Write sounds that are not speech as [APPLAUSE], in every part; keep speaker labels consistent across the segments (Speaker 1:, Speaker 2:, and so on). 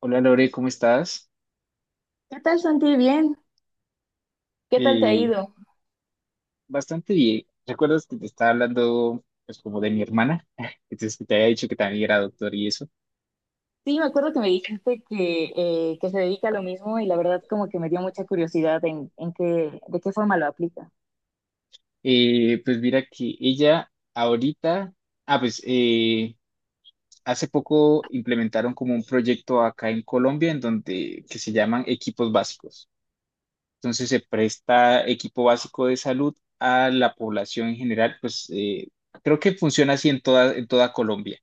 Speaker 1: Hola, Lore, ¿cómo estás?
Speaker 2: ¿Qué tal, Santi? Bien. ¿Qué tal te ha
Speaker 1: Eh,
Speaker 2: ido?
Speaker 1: Bastante bien. ¿Recuerdas que te estaba hablando pues como de mi hermana? [LAUGHS] Entonces que te había dicho que también era doctor y eso.
Speaker 2: Sí, me acuerdo que me dijiste que se dedica a lo mismo y la verdad como que me dio mucha curiosidad en qué, de qué forma lo aplica.
Speaker 1: Pues mira que ella ahorita, ah pues eh, hace poco implementaron como un proyecto acá en Colombia en donde que se llaman equipos básicos. Entonces se presta equipo básico de salud a la población en general, pues, creo que funciona así en en toda Colombia.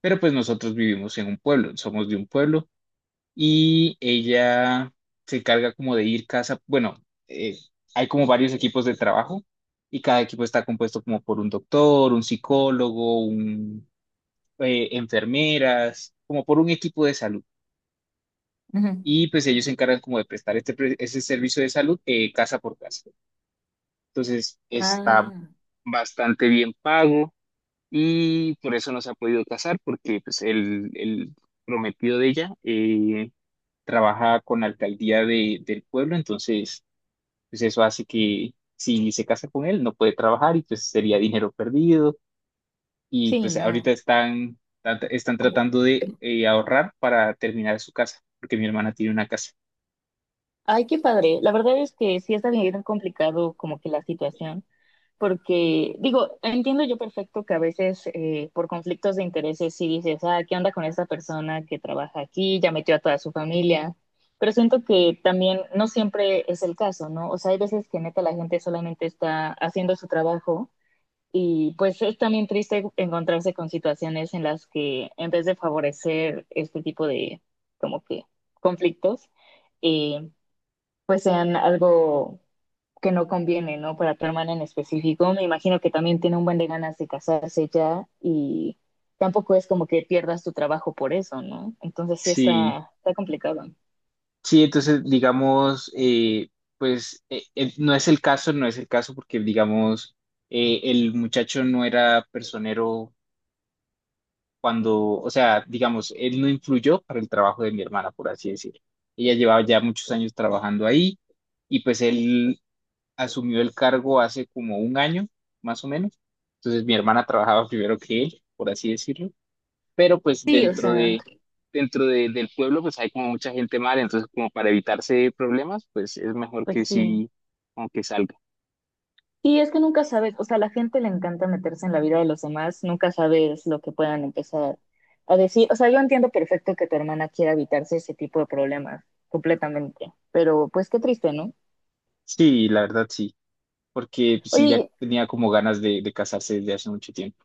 Speaker 1: Pero pues nosotros vivimos en un pueblo, somos de un pueblo. Y ella se encarga como de ir casa, bueno, eh, hay como varios equipos de trabajo y cada equipo está compuesto como por un doctor, un psicólogo, enfermeras, como por un equipo de salud.
Speaker 2: Ujú.
Speaker 1: Y pues ellos se encargan como de prestar ese servicio de salud, casa por casa. Entonces está
Speaker 2: Ah,
Speaker 1: bastante bien pago y por eso no se ha podido casar porque pues el prometido de ella, trabaja con la alcaldía del pueblo, entonces pues eso hace que si se casa con él no puede trabajar y pues sería dinero perdido. Y
Speaker 2: sí,
Speaker 1: pues ahorita
Speaker 2: no.
Speaker 1: están tratando de, ahorrar para terminar su casa, porque mi hermana tiene una casa.
Speaker 2: Ay, qué padre. La verdad es que sí está bien complicado como que la situación. Porque digo, entiendo yo perfecto que a veces por conflictos de intereses sí dices, ah, ¿qué onda con esta persona que trabaja aquí? Ya metió a toda su familia. Pero siento que también no siempre es el caso, ¿no? O sea, hay veces que neta la gente solamente está haciendo su trabajo y pues es también triste encontrarse con situaciones en las que en vez de favorecer este tipo de como que conflictos, eh, pues sean algo que no conviene, ¿no? Para tu hermana en específico. Me imagino que también tiene un buen de ganas de casarse ya y tampoco es como que pierdas tu trabajo por eso, ¿no? Entonces
Speaker 1: Sí,
Speaker 2: está complicado.
Speaker 1: sí, entonces digamos, no es el caso, no es el caso porque digamos, el muchacho no era personero cuando, o sea, digamos, él no influyó para el trabajo de mi hermana, por así decirlo. Ella llevaba ya muchos años trabajando ahí y pues él asumió el cargo hace como un año, más o menos. Entonces mi hermana trabajaba primero que él, por así decirlo, pero pues
Speaker 2: Sí, o sea,
Speaker 1: del pueblo pues hay como mucha gente mala, entonces como para evitarse problemas, pues es mejor
Speaker 2: pues
Speaker 1: que
Speaker 2: sí.
Speaker 1: sí, como que salga.
Speaker 2: Y es que nunca sabes, o sea, a la gente le encanta meterse en la vida de los demás, nunca sabes lo que puedan empezar a decir. O sea, yo entiendo perfecto que tu hermana quiera evitarse ese tipo de problemas completamente, pero pues qué triste, ¿no?
Speaker 1: Sí, la verdad sí, porque pues sí ya
Speaker 2: Oye,
Speaker 1: tenía como ganas de casarse desde hace mucho tiempo.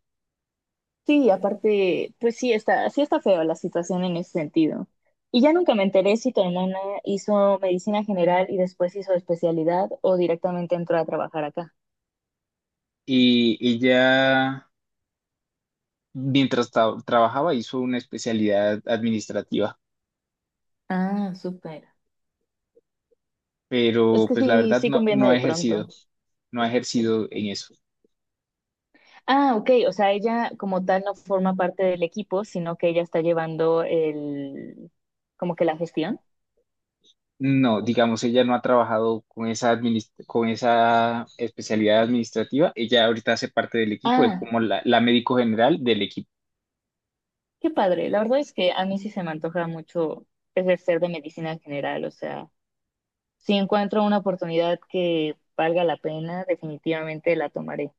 Speaker 2: sí, aparte, pues sí está feo la situación en ese sentido. Y ya nunca me enteré si tu hermana hizo medicina general y después hizo especialidad o directamente entró a trabajar acá.
Speaker 1: Y ella mientras trabajaba hizo una especialidad administrativa,
Speaker 2: Ah, súper. Es
Speaker 1: pero
Speaker 2: que
Speaker 1: pues la
Speaker 2: sí,
Speaker 1: verdad
Speaker 2: sí conviene
Speaker 1: no ha
Speaker 2: de pronto.
Speaker 1: ejercido, no ha ejercido en eso.
Speaker 2: Ah, ok, o sea, ella como tal no forma parte del equipo, sino que ella está llevando como que la gestión.
Speaker 1: No, digamos, ella no ha trabajado con con esa especialidad administrativa. Ella ahorita hace parte del equipo, es
Speaker 2: Ah,
Speaker 1: como la médico general del equipo.
Speaker 2: qué padre. La verdad es que a mí sí se me antoja mucho ejercer de medicina general, o sea. Si encuentro una oportunidad que valga la pena, definitivamente la tomaré.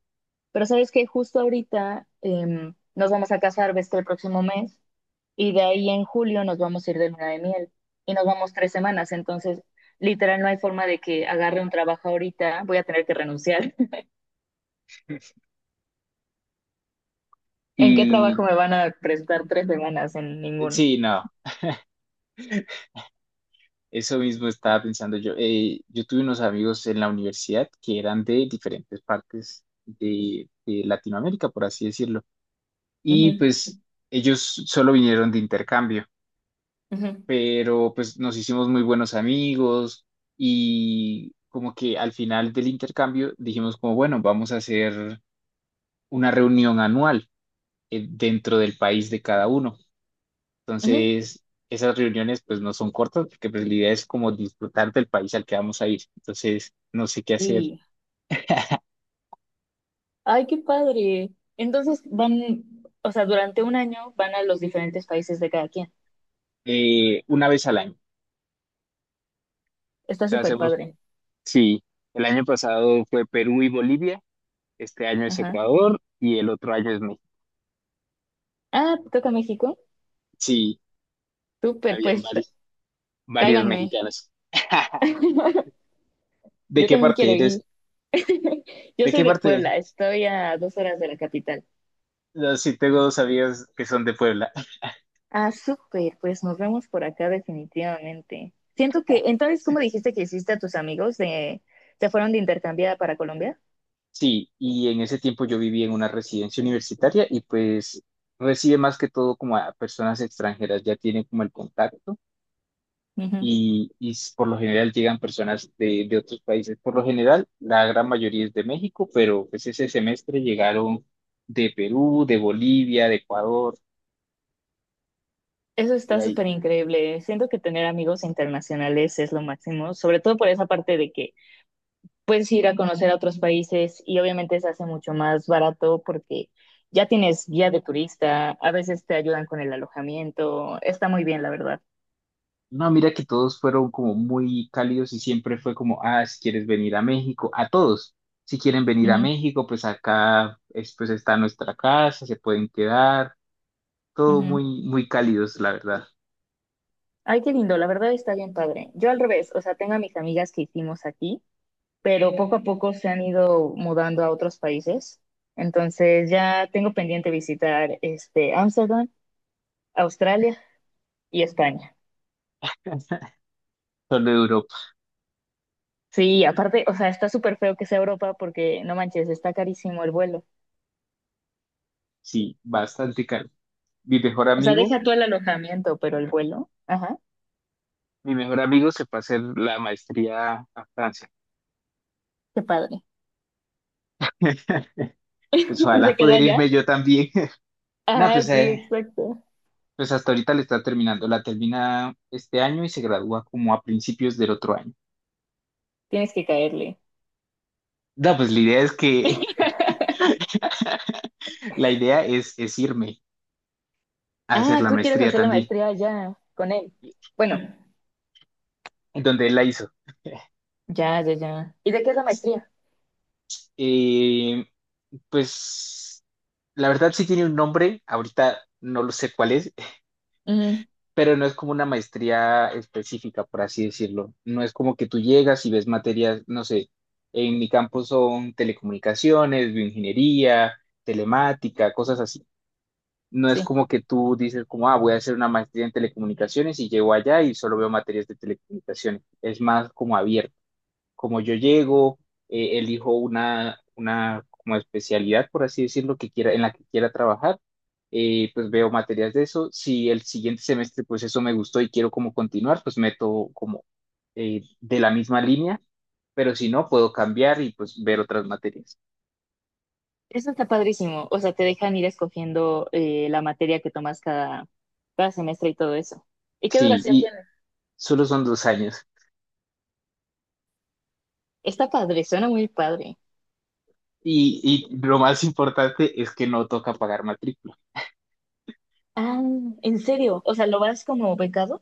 Speaker 2: Pero sabes que justo ahorita nos vamos a casar, ves que el próximo mes, y de ahí en julio nos vamos a ir de luna de miel y nos vamos 3 semanas. Entonces, literal, no hay forma de que agarre un trabajo ahorita, voy a tener que renunciar. [LAUGHS] ¿En qué trabajo
Speaker 1: Y
Speaker 2: me van a prestar 3 semanas? En ninguno.
Speaker 1: sí, no, eso mismo estaba pensando yo. Yo tuve unos amigos en la universidad que eran de diferentes partes de Latinoamérica, por así decirlo, y
Speaker 2: Ujú,
Speaker 1: pues ellos solo vinieron de intercambio,
Speaker 2: ujú,
Speaker 1: pero pues nos hicimos muy buenos amigos y como que al final del intercambio dijimos como, bueno, vamos a hacer una reunión anual, dentro del país de cada uno.
Speaker 2: ujú.
Speaker 1: Entonces, esas reuniones pues no son cortas porque pues la idea es como disfrutar del país al que vamos a ir. Entonces, no sé qué hacer,
Speaker 2: Y, ay, qué padre. Entonces van, o sea, durante un año van a los diferentes países de cada quien.
Speaker 1: una vez al año. O
Speaker 2: Está
Speaker 1: sea,
Speaker 2: súper
Speaker 1: hacemos,
Speaker 2: padre.
Speaker 1: sí, el año pasado fue Perú y Bolivia. Este año es
Speaker 2: Ajá.
Speaker 1: Ecuador y el otro año es México.
Speaker 2: Ah, ¿te toca México?
Speaker 1: Sí,
Speaker 2: Súper,
Speaker 1: habían
Speaker 2: pues
Speaker 1: varios, varios
Speaker 2: cáiganme.
Speaker 1: mexicanos. [LAUGHS]
Speaker 2: [LAUGHS]
Speaker 1: ¿De
Speaker 2: Yo
Speaker 1: qué
Speaker 2: también
Speaker 1: parte
Speaker 2: quiero
Speaker 1: eres?
Speaker 2: ir. [LAUGHS] Yo
Speaker 1: ¿De
Speaker 2: soy
Speaker 1: qué
Speaker 2: de
Speaker 1: parte?
Speaker 2: Puebla, estoy a 2 horas de la capital.
Speaker 1: No, sí, tengo dos amigas que son de Puebla.
Speaker 2: Ah, súper, pues nos vemos por acá definitivamente. Siento que, entonces tú me dijiste que hiciste a tus amigos de, se fueron de intercambiada para Colombia.
Speaker 1: Sí, y en ese tiempo yo viví en una residencia universitaria y pues recibe más que todo como a personas extranjeras, ya tienen como el contacto
Speaker 2: Ujú.
Speaker 1: y, por lo general llegan personas de otros países. Por lo general, la gran mayoría es de México, pero pues ese semestre llegaron de Perú, de Bolivia, de Ecuador.
Speaker 2: Eso está súper increíble. Siento que tener amigos internacionales es lo máximo, sobre todo por esa parte de que puedes ir a conocer a otros países y obviamente se hace mucho más barato porque ya tienes guía de turista, a veces te ayudan con el alojamiento, está muy bien, la verdad.
Speaker 1: No, mira que todos fueron como muy cálidos y siempre fue como, ah, si quieres venir a México, a todos, si quieren venir a
Speaker 2: Ujú,
Speaker 1: México, pues pues está nuestra casa, se pueden quedar, todo
Speaker 2: ujú.
Speaker 1: muy, muy cálidos, la verdad.
Speaker 2: Ay, qué lindo, la verdad está bien padre. Yo al revés, o sea, tengo a mis amigas que hicimos aquí, pero poco a poco se han ido mudando a otros países. Entonces ya tengo pendiente visitar este Ámsterdam, Australia y España.
Speaker 1: [LAUGHS] Solo Europa,
Speaker 2: Sí, aparte, o sea, está súper feo que sea Europa porque no manches, está carísimo el vuelo.
Speaker 1: sí, bastante caro. Mi mejor
Speaker 2: O sea,
Speaker 1: amigo,
Speaker 2: deja tú el alojamiento, pero el vuelo. Ajá,
Speaker 1: mi mejor amigo se fue a hacer la maestría a Francia.
Speaker 2: qué padre.
Speaker 1: [LAUGHS]
Speaker 2: [LAUGHS]
Speaker 1: Pues
Speaker 2: ¿Y se
Speaker 1: ojalá
Speaker 2: queda
Speaker 1: poder
Speaker 2: allá?
Speaker 1: irme yo también. [LAUGHS] No,
Speaker 2: Ah,
Speaker 1: pues,
Speaker 2: sí, exacto.
Speaker 1: hasta ahorita le está terminando, la termina este año y se gradúa como a principios del otro año.
Speaker 2: Tienes que caerle.
Speaker 1: No, pues la idea es que [LAUGHS]
Speaker 2: [LAUGHS]
Speaker 1: la idea es irme a hacer
Speaker 2: Ah,
Speaker 1: la
Speaker 2: tú quieres
Speaker 1: maestría
Speaker 2: hacer la
Speaker 1: también,
Speaker 2: maestría allá con él. Bueno,
Speaker 1: en donde él la hizo.
Speaker 2: ya. ¿Y de qué es la maestría?
Speaker 1: Eh, pues la verdad sí tiene un nombre, ahorita no lo sé cuál es,
Speaker 2: Ujú,
Speaker 1: [LAUGHS] pero no es como una maestría específica, por así decirlo. No es como que tú llegas y ves materias, no sé, en mi campo son telecomunicaciones, bioingeniería, telemática, cosas así. No es
Speaker 2: sí.
Speaker 1: como que tú dices como, ah, voy a hacer una maestría en telecomunicaciones y llego allá y solo veo materias de telecomunicaciones. Es más como abierto. Como yo llego, elijo una como especialidad, por así decirlo, que quiera, en la que quiera trabajar, pues veo materias de eso. Si el siguiente semestre pues eso me gustó y quiero como continuar, pues meto como, de la misma línea, pero si no, puedo cambiar y pues ver otras materias.
Speaker 2: Eso está padrísimo. O sea, te dejan ir escogiendo la materia que tomas cada semestre y todo eso. ¿Y qué
Speaker 1: Sí,
Speaker 2: duración
Speaker 1: y
Speaker 2: tiene?
Speaker 1: solo son dos años.
Speaker 2: Está padre, suena muy padre.
Speaker 1: Y lo más importante es que no toca pagar matrícula.
Speaker 2: Ah, ¿en serio? O sea, ¿lo vas como becado?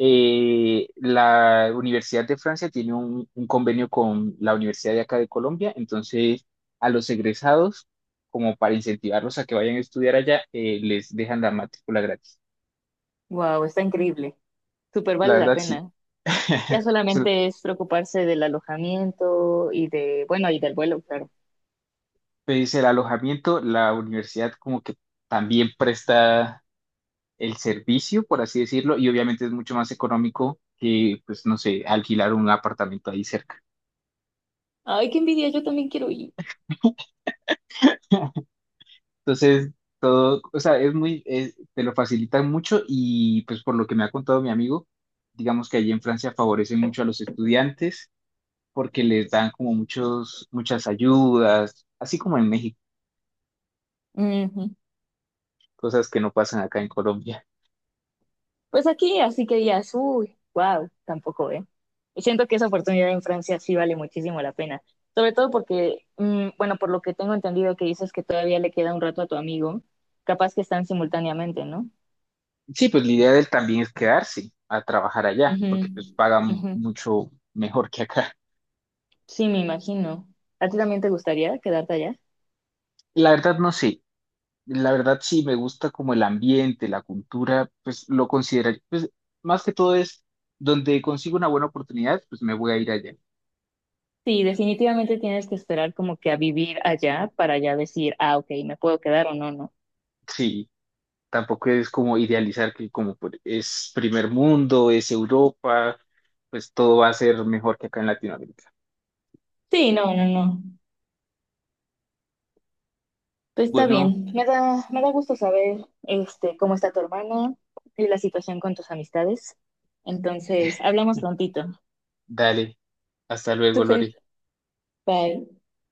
Speaker 1: La Universidad de Francia tiene un convenio con la Universidad de acá de Colombia, entonces a los egresados, como para incentivarlos a que vayan a estudiar allá, les dejan la matrícula gratis.
Speaker 2: Wow, está increíble. Súper
Speaker 1: La
Speaker 2: vale la
Speaker 1: verdad, sí.
Speaker 2: pena. Ya
Speaker 1: [LAUGHS] Se-
Speaker 2: solamente es preocuparse del alojamiento y de, bueno, y del vuelo, claro.
Speaker 1: pues el alojamiento, la universidad como que también presta el servicio, por así decirlo, y obviamente es mucho más económico que, pues, no sé, alquilar un apartamento ahí cerca.
Speaker 2: Ay, qué envidia, yo también quiero ir.
Speaker 1: Entonces, todo, o sea, te lo facilitan mucho y pues por lo que me ha contado mi amigo, digamos que allí en Francia favorecen mucho a los estudiantes porque les dan como muchas ayudas, así como en México,
Speaker 2: Ujú.
Speaker 1: cosas que no pasan acá en Colombia.
Speaker 2: Pues aquí, así que ya, uy, wow, tampoco, ¿eh? Y siento que esa oportunidad en Francia sí vale muchísimo la pena. Sobre todo porque, bueno, por lo que tengo entendido que dices que todavía le queda un rato a tu amigo, capaz que están simultáneamente, no.
Speaker 1: Sí, pues la idea de él también es quedarse a trabajar allá
Speaker 2: Ujú,
Speaker 1: porque pues pagan
Speaker 2: ujú.
Speaker 1: mucho mejor que acá.
Speaker 2: Sí, me imagino. ¿A ti también te gustaría quedarte allá?
Speaker 1: La verdad no sé, la verdad sí me gusta como el ambiente, la cultura, pues lo consideraría, pues más que todo es donde consigo una buena oportunidad, pues me voy a ir allá.
Speaker 2: Sí, definitivamente tienes que esperar como que a vivir allá para ya decir, ah, ok, me puedo quedar o no.
Speaker 1: Sí, tampoco es como idealizar que es primer mundo, es Europa, pues todo va a ser mejor que acá en Latinoamérica.
Speaker 2: Sí, no. Pues está
Speaker 1: Bueno,
Speaker 2: bien. Me da gusto saber, este, cómo está tu hermana y la situación con tus amistades. Entonces,
Speaker 1: [LAUGHS]
Speaker 2: hablamos prontito.
Speaker 1: dale, hasta luego,
Speaker 2: Súper.
Speaker 1: Lore.
Speaker 2: Bye.